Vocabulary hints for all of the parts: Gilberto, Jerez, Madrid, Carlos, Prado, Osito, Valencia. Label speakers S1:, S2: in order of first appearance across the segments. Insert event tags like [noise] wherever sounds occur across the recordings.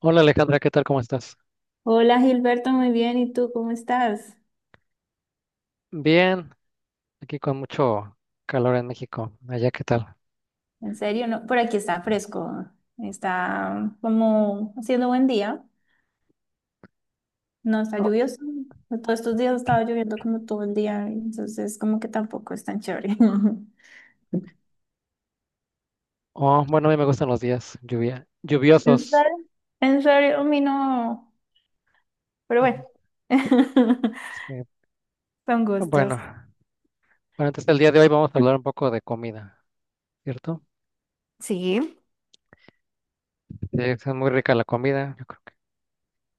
S1: Hola Alejandra, ¿qué tal? ¿Cómo estás?
S2: Hola Gilberto, muy bien. ¿Y tú cómo estás?
S1: Bien, aquí con mucho calor en México. Allá, ¿qué tal?
S2: En serio, no, por aquí está fresco, está como haciendo buen día, no está
S1: Oh,
S2: lluvioso. Todos estos días ha estado lloviendo como todo el día, entonces como que tampoco es tan chévere. [laughs]
S1: oh, bueno, a mí me gustan los días
S2: ¿En
S1: lluviosos.
S2: serio? En serio, a mí no, pero
S1: A
S2: bueno,
S1: mí,
S2: [laughs]
S1: sí.
S2: son gustos.
S1: Bueno, bueno, entonces el día de hoy vamos a hablar un poco de comida, ¿cierto?
S2: Sí.
S1: Sí, es muy rica la comida, yo creo que.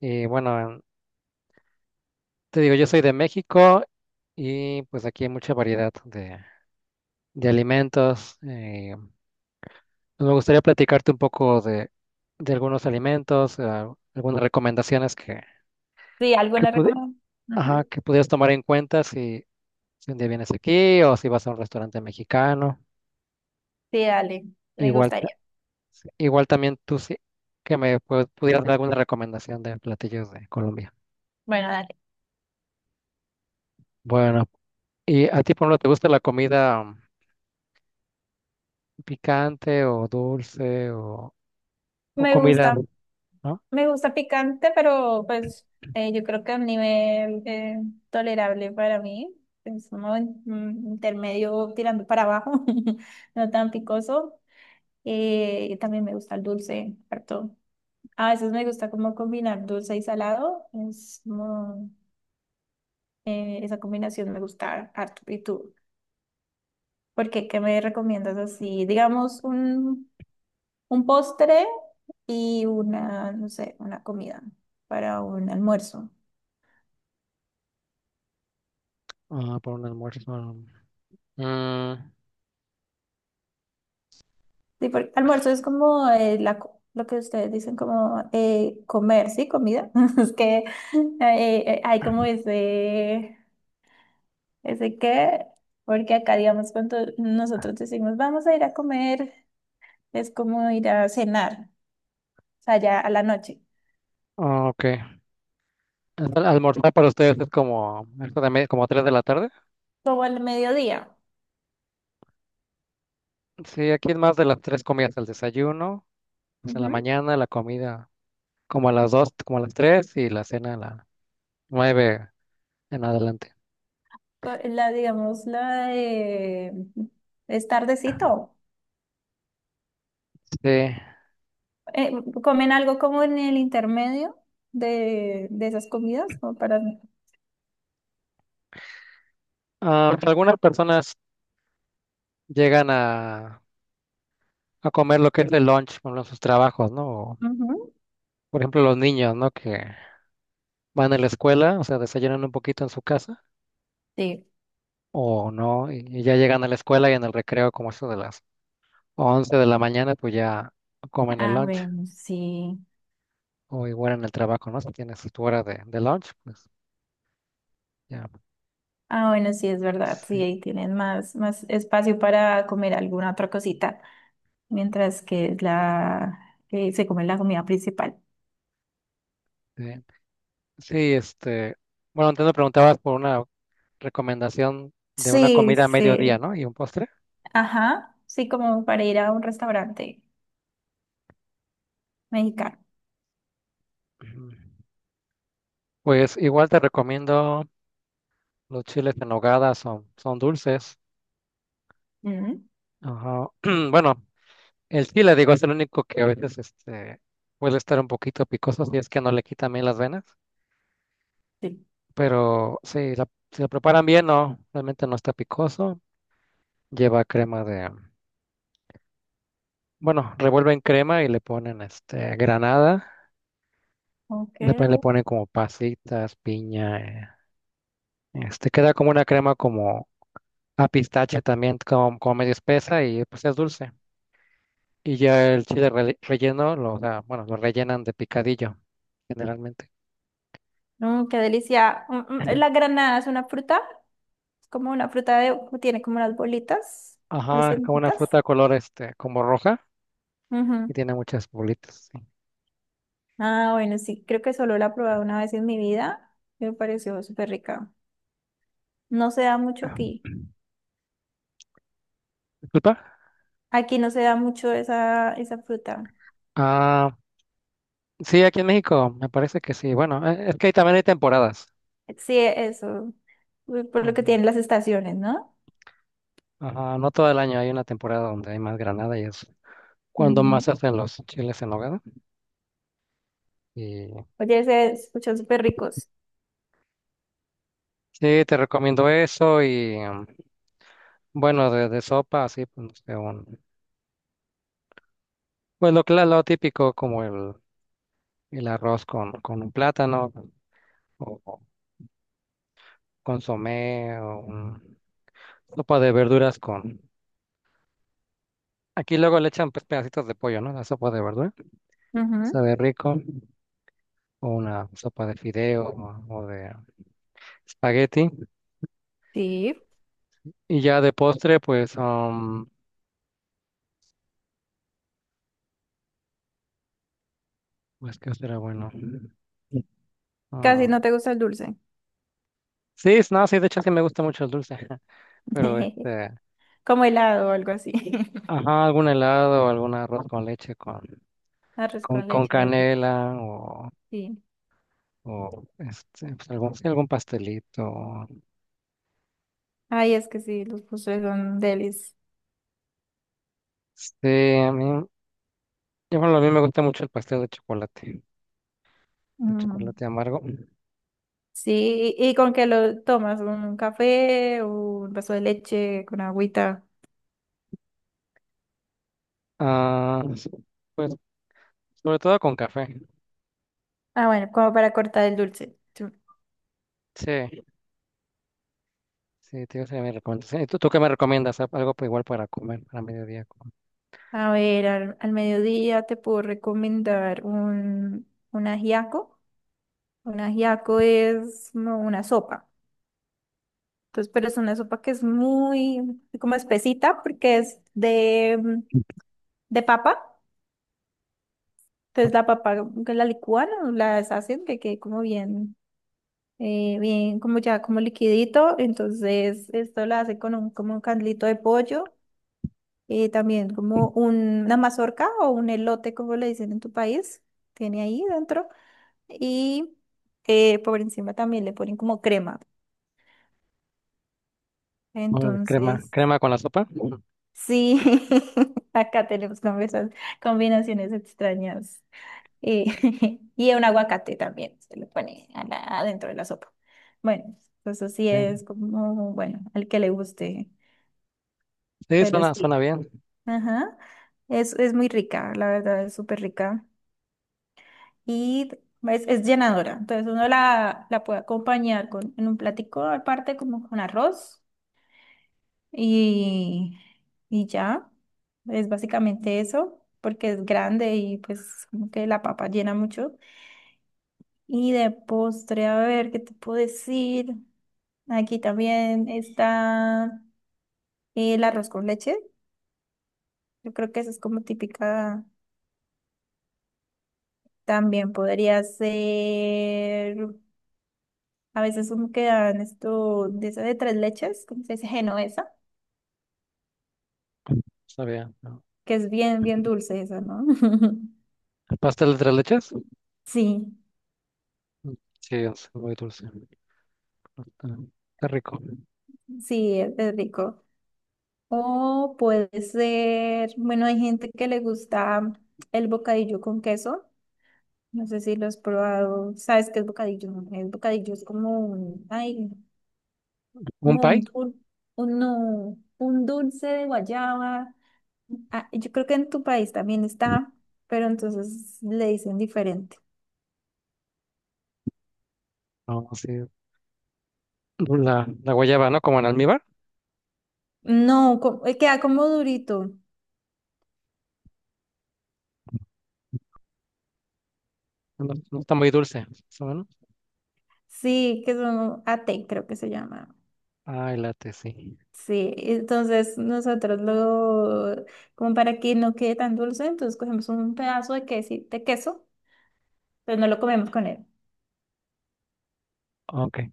S1: Y bueno, te digo, yo soy de México y pues aquí hay mucha variedad de alimentos. Pues me gustaría platicarte un poco de algunos alimentos, algunas recomendaciones
S2: Sí,
S1: que,
S2: alguna
S1: pudi-
S2: recomendación.
S1: ajá, que pudieras tomar en cuenta si un día vienes aquí o si vas a un restaurante mexicano.
S2: Sí, dale, me
S1: Igual, ta-
S2: gustaría.
S1: sí, igual también tú sí que me pudieras dar alguna recomendación de platillos de Colombia.
S2: Bueno, dale.
S1: Bueno, ¿y a ti, por ejemplo, te gusta la comida picante o dulce o
S2: Me
S1: comida,
S2: gusta
S1: ¿no?
S2: Me gusta picante, pero pues yo creo que a un nivel tolerable para mí. Es intermedio tirando para abajo, [laughs] no tan picoso. Y también me gusta el dulce, harto. A veces me gusta como combinar dulce y salado. Es como, esa combinación me gusta harto. ¿Y tú? ¿Por qué? ¿Qué me recomiendas así? Digamos un postre y una, no sé, una comida para un almuerzo.
S1: Ah, por un almuerzo. Mm,
S2: Sí, porque almuerzo es como lo que ustedes dicen como comer, ¿sí? Comida. [laughs] Es que hay como ese qué, porque acá, digamos, cuando nosotros decimos vamos a ir a comer, es como ir a cenar, o sea, ya a la noche,
S1: ok. Entonces, almorzar para ustedes es como, esto como 3 de la tarde.
S2: como al mediodía.
S1: Sí, aquí es más de las tres comidas, el desayuno, o sea, la
S2: Ujú.
S1: mañana, la comida como a las 2, como a las 3 y la cena a las 9 en adelante.
S2: La, digamos, la de es tardecito.
S1: Sí.
S2: Eh, ¿Comen algo como en el intermedio de esas comidas? Como para...
S1: Ah, algunas personas llegan a comer lo que es el lunch por sus trabajos, ¿no? O,
S2: Ujú.
S1: por ejemplo, los niños, ¿no? Que van a la escuela, o sea, desayunan un poquito en su casa
S2: Sí.
S1: o no, y ya llegan a la escuela y en el recreo, como eso de las 11 de la mañana, pues ya comen el
S2: Ah,
S1: lunch
S2: bueno, sí.
S1: o igual en el trabajo, ¿no? Si tienes tu hora de lunch, pues ya.
S2: Ah, bueno, sí, es verdad. Sí,
S1: Sí,
S2: ahí tienen más espacio para comer alguna otra cosita, mientras que es la que se come la comida principal.
S1: sí, Sí, bueno, entonces me preguntabas por una recomendación de una
S2: Sí,
S1: comida a mediodía,
S2: sí.
S1: ¿no? Y un postre.
S2: Ajá. Sí, como para ir a un restaurante mexicano.
S1: Ujú. Pues igual te recomiendo los chiles en nogada, son dulces.
S2: Mm,
S1: Ajá. [clears throat] Bueno, el chile, digo, es el único que a veces puede estar un poquito picoso si es que no le quitan bien las venas.
S2: sí.
S1: Pero sí, si lo preparan bien, no, realmente no está picoso. Lleva crema de, bueno, revuelven crema y le ponen este, granada. Le
S2: Ok.
S1: ponen como pasitas, piña. Este, queda como una crema como a pistache también, como, como medio espesa y pues es dulce. Y ya el chile relleno, lo, o sea, bueno, lo rellenan de picadillo generalmente.
S2: Mm, qué delicia. La granada es una fruta, es como una fruta de, tiene como unas bolitas, unas
S1: Ajá, es como una fruta
S2: semillitas.
S1: de color este, como roja y
S2: Ujú.
S1: tiene muchas bolitas. Sí.
S2: Ah, bueno, sí, creo que solo la he probado una vez en mi vida. Me pareció súper rica. No se da mucho aquí.
S1: Disculpa.
S2: Aquí no se da mucho esa fruta.
S1: Ah, sí, aquí en México me parece que sí. Bueno, es que ahí también hay temporadas.
S2: Sí, eso. Uy, por lo que
S1: Ujú.
S2: tienen las estaciones, ¿no?
S1: Ajá, no todo el año hay una temporada donde hay más granada y es cuando
S2: Ujú.
S1: más hacen los chiles en nogada. Y
S2: Oye, se escuchan súper ricos.
S1: sí, te recomiendo eso y bueno, de sopa, así, pues, no sé, pues lo típico como el arroz con un plátano o consomé o sopa de verduras con aquí luego le echan pues, pedacitos de pollo, ¿no? La sopa de verdura.
S2: Ujú.
S1: Sabe rico. O una sopa de fideo o de espagueti.
S2: Sí,
S1: Y ya de postre, pues, pues, ¿qué será bueno?
S2: casi
S1: Ah,
S2: no te gusta el dulce.
S1: sí, es- no, sí, de hecho sí me gusta mucho el dulce. [laughs] Pero
S2: [laughs]
S1: este,
S2: Como helado o algo así. [laughs]
S1: ajá, algún helado, algún arroz con leche
S2: Arroz con
S1: con
S2: leche es rico.
S1: canela
S2: Sí.
S1: o este, pues, algún, sí, algún pastelito.
S2: Ay, es que sí, los postres son delis.
S1: Sí, a mí me gusta mucho el pastel de
S2: Mm.
S1: chocolate amargo.
S2: Sí, ¿y con qué lo tomas? ¿Un café o un vaso de leche con agüita?
S1: Ah, pues sobre todo con café.
S2: Ah, bueno, como para cortar el dulce. Chu.
S1: Sí, sí, te sería mi recomendación. ¿Y tú qué me recomiendas? Algo igual para comer, para mediodía. Como
S2: A ver, al mediodía te puedo recomendar un ajiaco. Un ajiaco es como una sopa. Entonces, pero es una sopa que es muy como espesita porque es de, de papa. Entonces la papa que la licúan o la deshacen que quede como bien como ya como liquidito, entonces esto lo hace con un, como un caldito de pollo, también como una mazorca o un elote, como le dicen en tu país, tiene ahí dentro, y por encima también le ponen como crema,
S1: Órale,
S2: entonces
S1: crema con la sopa.
S2: sí, [laughs] acá tenemos combinaciones extrañas, eh, [laughs] y un aguacate también se le pone a adentro de la sopa. Bueno, pues así
S1: Ok.
S2: es como, bueno, al que le guste.
S1: Sí,
S2: Pero
S1: suena
S2: sí,
S1: bien.
S2: ajá. Es muy rica, la verdad, es súper rica. Y es llenadora. Entonces uno la puede acompañar con, en un platico aparte, como con arroz. Y, y ya, es básicamente eso, porque es grande y pues como que la papa llena mucho. Y de postre, a ver, ¿qué te puedo decir? Aquí también está el arroz con leche. Yo creo que eso es como típica. También podría ser, a veces como que dan esto de esa de tres leches, ¿cómo se dice? Genovesa,
S1: Está bien. ¿No?
S2: que es bien, bien dulce esa, ¿no? [laughs]
S1: ¿Pastel de tres leches?
S2: Sí,
S1: Mm, sí, es muy dulce. Está, está rico.
S2: sí, es rico. O puede ser, bueno, hay gente que le gusta el bocadillo con queso. No sé si lo has probado. ¿Sabes qué es bocadillo? El bocadillo es como un, ay,
S1: ¿Un
S2: como
S1: pie?
S2: un, dul- un, no, un dulce de guayaba. Ah, yo creo que en tu país también está, pero entonces le dicen diferente.
S1: No, sí. La guayaba, ¿no? Como en almíbar.
S2: No, co- queda como durito.
S1: No, no está muy dulce. ¿Más o menos?
S2: Sí, que son ate, creo que se llama.
S1: Ay, late, sí.
S2: Sí, entonces como para que no quede tan dulce, entonces cogemos un pedazo de de queso, pero no lo comemos con él.
S1: Ok.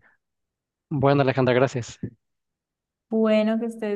S1: Bueno, Alejandra, gracias.
S2: Bueno, que estés.